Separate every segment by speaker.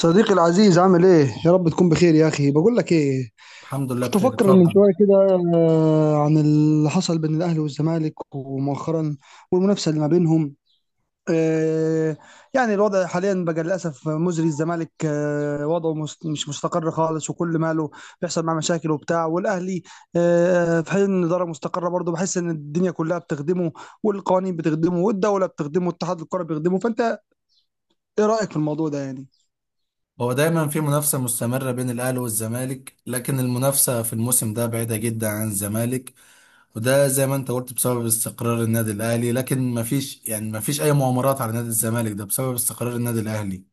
Speaker 1: صديقي العزيز عامل ايه؟ يا رب تكون بخير يا اخي، بقول لك ايه؟
Speaker 2: الحمد لله
Speaker 1: كنت
Speaker 2: بخير،
Speaker 1: افكر من
Speaker 2: اتفضل.
Speaker 1: شويه كده عن اللي حصل بين الاهلي والزمالك ومؤخرا والمنافسه اللي ما بينهم. آه، يعني الوضع حاليا بقى للاسف مزري. الزمالك وضعه مش مستقر خالص، وكل ماله بيحصل معاه مشاكل وبتاع، والاهلي في حين ان الاداره مستقره برضه، بحس ان الدنيا كلها بتخدمه والقوانين بتخدمه والدوله بتخدمه والاتحاد الكره بيخدمه. فانت ايه رايك في الموضوع ده يعني؟
Speaker 2: هو دايما في منافسة مستمرة بين الأهلي والزمالك، لكن المنافسة في الموسم ده بعيدة جدا عن الزمالك. وده زي ما انت قلت بسبب استقرار النادي الأهلي، لكن مفيش مفيش أي مؤامرات على نادي الزمالك، ده بسبب استقرار النادي الأهلي.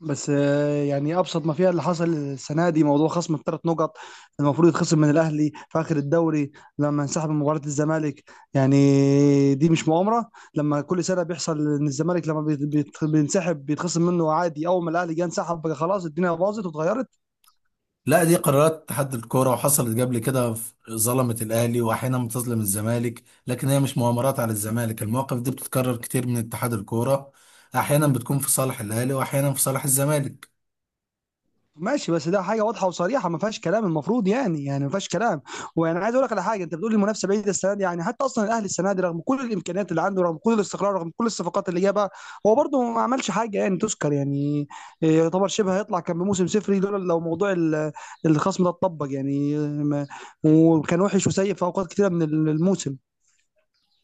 Speaker 1: بس يعني ابسط ما فيها اللي حصل السنه دي موضوع خصم الثلاث نقط المفروض يتخصم من الاهلي في اخر الدوري لما انسحب من مباراه الزمالك. يعني دي مش مؤامره لما كل سنه بيحصل ان الزمالك لما بينسحب بيتخصم منه عادي، اول ما الاهلي جه انسحب بقى خلاص الدنيا باظت واتغيرت.
Speaker 2: لا، دي قرارات اتحاد الكورة وحصلت قبل كده، ظلمت الأهلي وأحيانا بتظلم الزمالك، لكن هي مش مؤامرات على الزمالك، المواقف دي بتتكرر كتير من اتحاد الكورة. أحيانا بتكون في صالح الأهلي وأحيانا في صالح الزمالك.
Speaker 1: ماشي، بس ده حاجه واضحه وصريحه ما فيهاش كلام، المفروض يعني، يعني ما فيهاش كلام. وانا عايز اقول لك على حاجه، انت بتقول المنافسه بعيده السنه دي، يعني حتى اصلا الاهلي السنه دي رغم كل الامكانيات اللي عنده، رغم كل الاستقرار، رغم كل الصفقات اللي جابها، هو برده ما عملش حاجه يعني تذكر يعني. يعتبر شبه هيطلع كان بموسم صفري لولا لو موضوع الخصم ده اتطبق يعني. وكان وحش وسيء في اوقات كتيره من الموسم،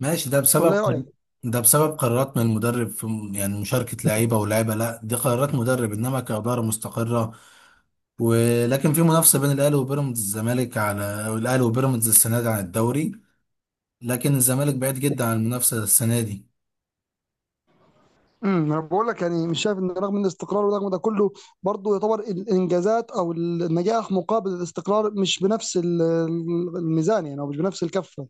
Speaker 2: ماشي.
Speaker 1: ولا ايه رايك؟
Speaker 2: ده بسبب قرارات من المدرب في يعني مشاركة لعيبة ولاعيبة، لا دي قرارات مدرب، انما كإدارة مستقرة. ولكن في منافسة بين الأهلي وبيراميدز، الزمالك على الأهلي وبيراميدز السنة دي عن الدوري، لكن الزمالك بعيد جدا عن المنافسة السنة دي.
Speaker 1: انا بقول لك يعني مش شايف ان رغم الاستقرار ورغم ده كله، برضه يعتبر الانجازات او النجاح مقابل الاستقرار مش بنفس الميزان يعني، او مش بنفس الكفه.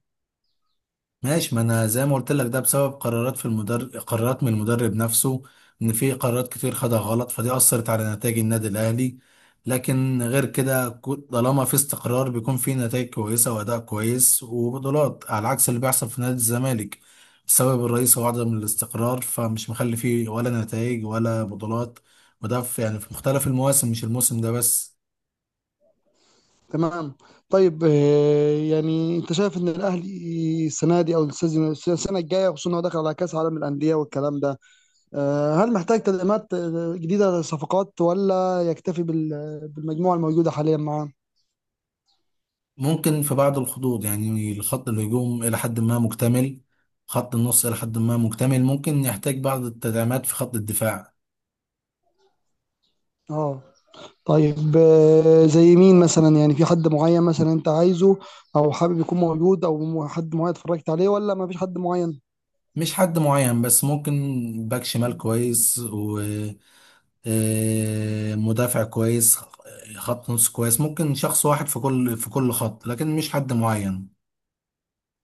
Speaker 2: ماشي، ما انا زي ما قلت لك ده بسبب قرارات في المدرب، قرارات من المدرب نفسه، ان في قرارات كتير خدها غلط فدي اثرت على نتائج النادي الاهلي. لكن غير كده، طالما في استقرار بيكون في نتائج كويسه واداء كويس وبطولات، على عكس اللي بيحصل في نادي الزمالك بسبب الرئيس، هو عدم الاستقرار فمش مخلي فيه ولا نتائج ولا بطولات. وده في يعني في مختلف المواسم، مش الموسم ده بس.
Speaker 1: تمام. طيب يعني انت شايف ان الاهلي السنه دي او السنه الجايه، خصوصا انه داخل على كاس عالم الانديه والكلام ده، هل محتاج تدعيمات جديده صفقات، ولا يكتفي بالمجموعه الموجوده حاليا معاه؟
Speaker 2: ممكن في بعض الخطوط، يعني خط الهجوم إلى حد ما مكتمل، خط النص إلى حد ما مكتمل، ممكن يحتاج بعض التدعيمات في خط الدفاع.
Speaker 1: اه. طيب زي مين مثلا؟ يعني في حد معين مثلا انت عايزه او حابب يكون موجود، او حد معين اتفرجت عليه، ولا ما فيش حد معين؟
Speaker 2: مش حد معين، بس ممكن باك شمال كويس، ومدافع كويس، خط نص كويس، ممكن شخص واحد في كل خط، لكن مش حد معين.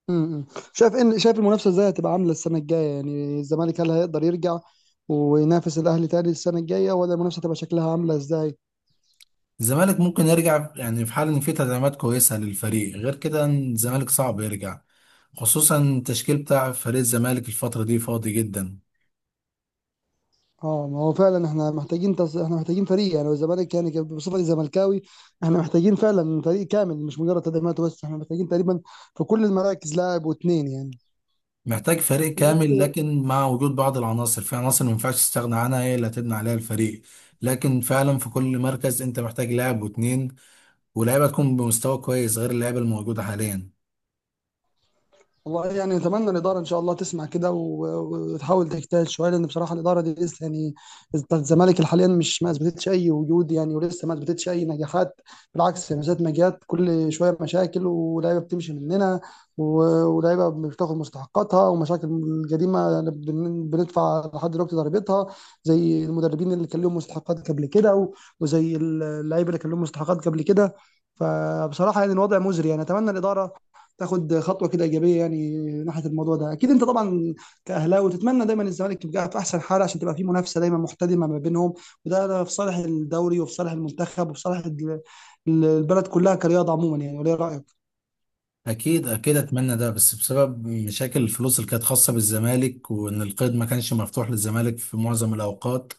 Speaker 1: امم شايف ان، شايف المنافسه ازاي هتبقى عامله السنه الجايه؟ يعني الزمالك هل هيقدر يرجع وينافس الاهلي تاني السنه الجايه، ولا المنافسه هتبقى شكلها عامله ازاي؟
Speaker 2: الزمالك ممكن يرجع يعني في حال إن في تدعيمات كويسة للفريق، غير كده الزمالك صعب يرجع، خصوصا التشكيل بتاع فريق الزمالك الفترة دي فاضي جدا.
Speaker 1: اه، ما هو فعلا احنا محتاجين احنا محتاجين فريق. يعني الزمالك، يعني بصفتي زملكاوي، احنا محتاجين فعلا فريق كامل، مش مجرد تدعيمات بس. احنا محتاجين تقريبا في كل المراكز لاعب واتنين يعني.
Speaker 2: محتاج فريق كامل،
Speaker 1: بس
Speaker 2: لكن مع وجود بعض العناصر، في عناصر ما ينفعش تستغنى عنها، هي اللي هتبني عليها الفريق. لكن فعلا في كل مركز انت محتاج لاعب واتنين، ولاعيبه تكون بمستوى كويس غير اللعيبه الموجوده حاليا.
Speaker 1: والله يعني نتمنى الإدارة إن شاء الله تسمع كده وتحاول تجتهد شوية، لأن بصراحة الإدارة دي لسه يعني الزمالك حاليا مش، ما أثبتتش أي وجود يعني، ولسه ما أثبتتش أي نجاحات. بالعكس، من ساعة ما جت كل شوية مشاكل، ولاعيبة بتمشي مننا، ولاعيبة مش بتاخد مستحقاتها، ومشاكل الجريمة بندفع لحد دلوقتي ضريبتها، زي المدربين اللي كان لهم مستحقات قبل كده، وزي اللعيبة اللي كان لهم مستحقات قبل كده. فبصراحة يعني الوضع مزري، يعني أتمنى الإدارة تاخد خطوه كده ايجابيه يعني ناحيه الموضوع ده. اكيد انت طبعا كاهلاوي تتمنى دايما الزمالك يبقى في احسن حال، عشان تبقى في منافسه دايما محتدمه ما بينهم، وده، ده في صالح الدوري وفي صالح المنتخب وفي صالح البلد كلها كرياضه عموما يعني، ولا إيه رايك؟
Speaker 2: اكيد اكيد اتمنى ده، بس بسبب مشاكل الفلوس اللي كانت خاصه بالزمالك، وان القيد ما كانش مفتوح للزمالك في معظم الاوقات،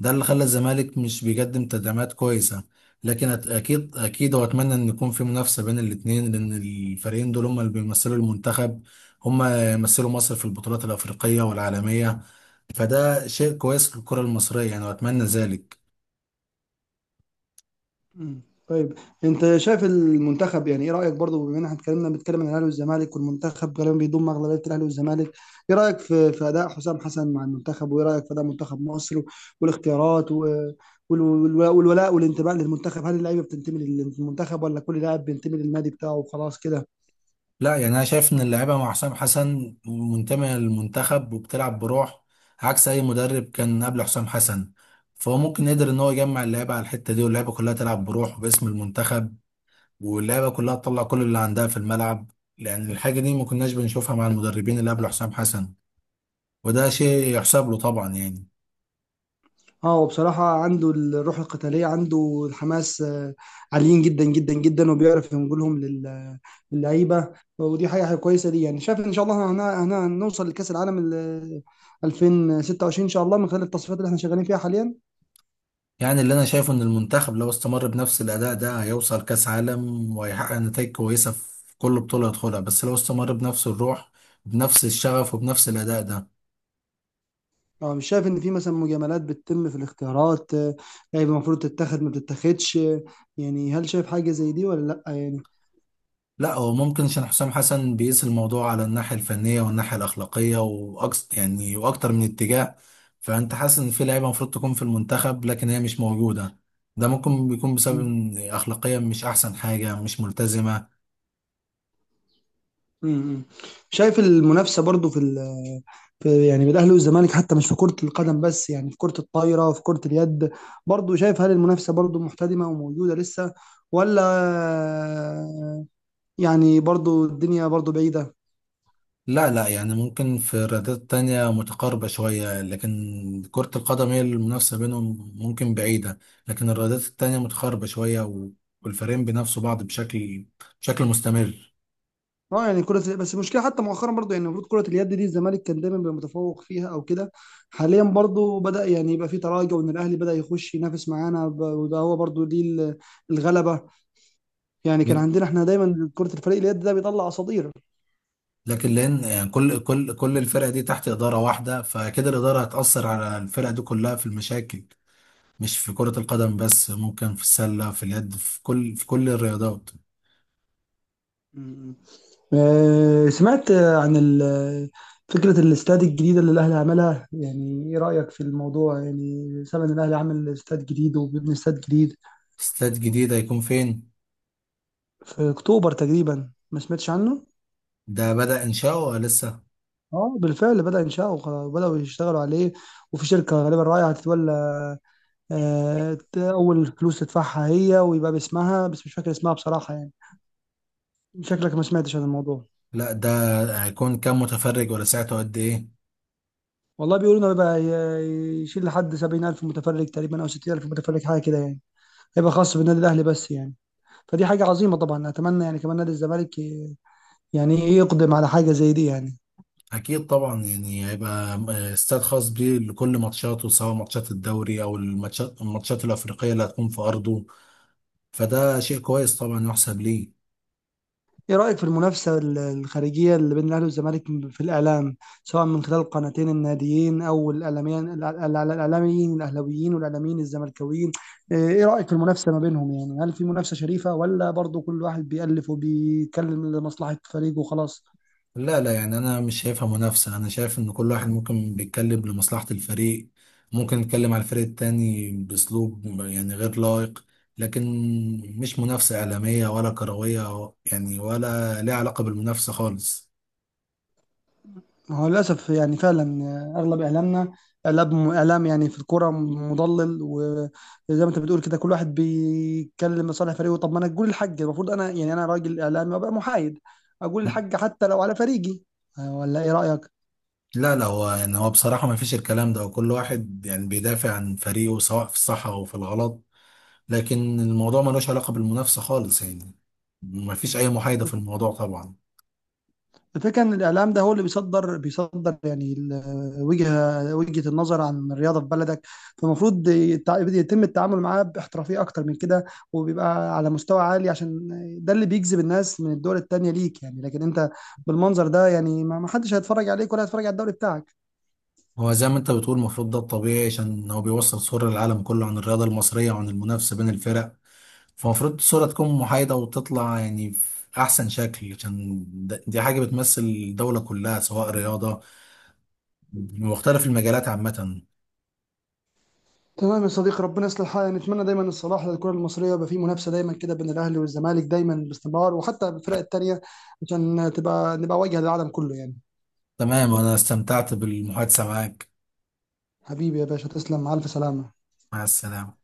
Speaker 2: ده اللي خلى الزمالك مش بيقدم تدعيمات كويسة. لكن أكيد أكيد، وأتمنى إن يكون في منافسة بين الاتنين، لأن الفريقين دول هما اللي بيمثلوا المنتخب، هما يمثلوا مصر في البطولات الأفريقية والعالمية، فده شيء كويس للكرة المصرية يعني، وأتمنى ذلك.
Speaker 1: مم. طيب انت شايف المنتخب، يعني ايه رايك برضو، بما ان احنا اتكلمنا، بنتكلم عن الاهلي والزمالك والمنتخب غالبا بيضم اغلبيه الاهلي والزمالك، ايه رايك في في اداء حسام حسن مع المنتخب؟ وايه رايك في اداء منتخب مصر والاختيارات والولاء والانتماء للمنتخب؟ هل اللعيبه بتنتمي للمنتخب، ولا كل لاعب بينتمي للنادي بتاعه وخلاص كده؟
Speaker 2: لا يعني أنا شايف إن اللاعيبة مع حسام حسن منتمية للمنتخب وبتلعب بروح، عكس أي مدرب كان قبل حسام حسن. فهو ممكن يقدر إن هو يجمع اللعيبة على الحتة دي، واللعيبة كلها تلعب بروح وباسم المنتخب، واللعيبه كلها تطلع كل اللي عندها في الملعب. لان الحاجه دي ما كناش بنشوفها مع المدربين اللي قبل حسام حسن، وده شيء يحسب له طبعا يعني.
Speaker 1: اه، هو بصراحة عنده الروح القتالية، عنده الحماس، عاليين جدا جدا جدا، وبيعرف ينقلهم للعيبة، ودي حاجة، حاجة كويسة ليه يعني. شايف ان شاء الله هنوصل لكأس العالم 2026 ان شاء الله، من خلال التصفيات اللي احنا شغالين فيها حاليا.
Speaker 2: يعني اللي انا شايفه ان المنتخب لو استمر بنفس الاداء ده هيوصل كاس عالم، وهيحقق نتائج كويسه في كل بطوله يدخلها، بس لو استمر بنفس الروح، بنفس الشغف، وبنفس الاداء ده.
Speaker 1: اه، مش شايف ان في مثلا مجاملات بتتم في الاختيارات؟ لعيبة المفروض تتاخد ما بتتاخدش، يعني هل شايف حاجة زي دي، ولا لا يعني؟
Speaker 2: لا، هو ممكن عشان حسام حسن بيقيس الموضوع على الناحية الفنية والناحية الأخلاقية وأكس يعني، وأكتر من اتجاه. فأنت حاسس إن في لعيبة المفروض تكون في المنتخب لكن هي مش موجودة، ده ممكن بيكون بسبب إن أخلاقيا مش أحسن حاجة، مش ملتزمة.
Speaker 1: امم. شايف المنافسه برضو في، في يعني بين الاهلي والزمالك حتى مش في كره القدم بس، يعني في كره الطايره، في كره اليد، برضو شايف هل المنافسه برضو محتدمه وموجوده لسه، ولا يعني برضو الدنيا برضو بعيده؟
Speaker 2: لا لا يعني، ممكن في الرياضات تانية متقاربة شوية، لكن كرة القدم هي المنافسة بينهم ممكن بعيدة، لكن الرياضات التانية متقاربة شوية والفريقين بينافسوا بعض بشكل مستمر.
Speaker 1: اه يعني كره، بس المشكله حتى مؤخرا برضو يعني المفروض كره اليد دي الزمالك كان دايما بيبقى متفوق فيها او كده، حاليا برضو بدا يعني يبقى في تراجع، وان الاهلي بدا يخش ينافس معانا وده هو برضو ليه الغلبه. يعني كان عندنا احنا دايما كره الفريق اليد ده بيطلع اساطير.
Speaker 2: لكن لان يعني كل الفرق دي تحت اداره واحده، فكده الاداره هتاثر على الفرق دي كلها في المشاكل، مش في كره القدم بس، ممكن في السله، في اليد، في كل الرياضات.
Speaker 1: مم. سمعت عن فكرة الاستاد الجديدة اللي الأهلي عملها، يعني إيه رأيك في الموضوع؟ يعني سامع إن الأهلي عامل استاد جديد وبيبني استاد جديد
Speaker 2: استاد جديد هيكون فين؟
Speaker 1: في أكتوبر تقريبا، ما سمعتش عنه؟
Speaker 2: ده بدأ انشاؤه ولا لسه؟
Speaker 1: اه، بالفعل بدأ إنشاؤه وخلاص، بدأوا يشتغلوا عليه، وفي شركة غالبا رايحة هتتولى، أول فلوس تدفعها هي ويبقى باسمها، بس مش فاكر اسمها بصراحة يعني. شكلك ما سمعتش عن الموضوع.
Speaker 2: لا، ده هيكون كام متفرج، ولا ساعته قد ايه؟
Speaker 1: والله بيقولوا إنه بيبقى يشيل لحد 70,000 متفرج تقريبا، أو 60,000 متفرج، حاجة كده يعني، هيبقى خاص بالنادي الاهلي بس يعني. فدي حاجه عظيمه طبعا، اتمنى يعني كمان نادي الزمالك يعني إيه، يقدم على حاجه زي دي يعني.
Speaker 2: اكيد طبعا، يعني هيبقى استاد خاص بيه لكل ماتشاته، سواء ماتشات الدوري او الماتشات الافريقيه اللي هتكون في ارضه، فده شيء كويس طبعا يحسب ليه.
Speaker 1: ايه رايك في المنافسه الخارجيه اللي بين الاهلي والزمالك في الاعلام، سواء من خلال القناتين الناديين او الاعلاميين، الاعلاميين الاهلاويين والاعلاميين الزملكاويين؟ ايه رايك في المنافسه ما بينهم؟ يعني هل في منافسه شريفه، ولا برضو كل واحد بيألف وبيتكلم لمصلحه فريقه وخلاص؟
Speaker 2: لا لا يعني انا مش شايفها منافسه، انا شايف ان كل واحد ممكن بيتكلم لمصلحه الفريق، ممكن يتكلم على الفريق التاني باسلوب يعني غير لائق، لكن مش منافسه اعلاميه ولا كرويه يعني، ولا ليها علاقه بالمنافسه خالص.
Speaker 1: ما هو للأسف يعني فعلا، أغلب إعلامنا إعلام، إعلام يعني في الكرة مضلل، وزي ما أنت بتقول كده كل واحد بيتكلم لصالح فريقه. طب ما أنا أقول الحق، المفروض أنا يعني أنا راجل إعلامي وأبقى محايد، أقول الحق حتى لو على فريقي، ولا إيه رأيك؟
Speaker 2: لا لا، هو يعني هو بصراحه ما فيش الكلام ده، وكل واحد يعني بيدافع عن فريقه سواء في الصح او في الغلط، لكن الموضوع ملوش علاقه بالمنافسه خالص يعني، ما فيش اي محايده في الموضوع طبعا.
Speaker 1: الفكرة إن الإعلام ده هو اللي بيصدر، بيصدر يعني وجهة، وجهة النظر عن الرياضة في بلدك، فالمفروض يتم التعامل معاه باحترافية أكتر من كده، وبيبقى على مستوى عالي، عشان ده اللي بيجذب الناس من الدول التانية ليك يعني. لكن أنت بالمنظر ده يعني ما حدش هيتفرج عليك، ولا هيتفرج على الدوري بتاعك.
Speaker 2: هو زي ما انت بتقول المفروض ده الطبيعي، عشان هو بيوصل صورة للعالم كله عن الرياضة المصرية وعن المنافسة بين الفرق، فالمفروض الصورة تكون محايدة وتطلع يعني في أحسن شكل، عشان دي حاجة بتمثل الدولة كلها، سواء رياضة بمختلف المجالات عامة.
Speaker 1: تمام يا صديقي، ربنا يصلح حالنا، نتمنى دايما الصلاح للكرة المصرية، يبقى في منافسة دايما كده بين الأهلي والزمالك دايما باستمرار، وحتى الفرق التانية، عشان تبقى، نبقى واجهة للعالم كله يعني.
Speaker 2: تمام، أنا استمتعت بالمحادثة معاك.
Speaker 1: حبيبي يا باشا، تسلم، مع ألف سلامة.
Speaker 2: مع السلامة.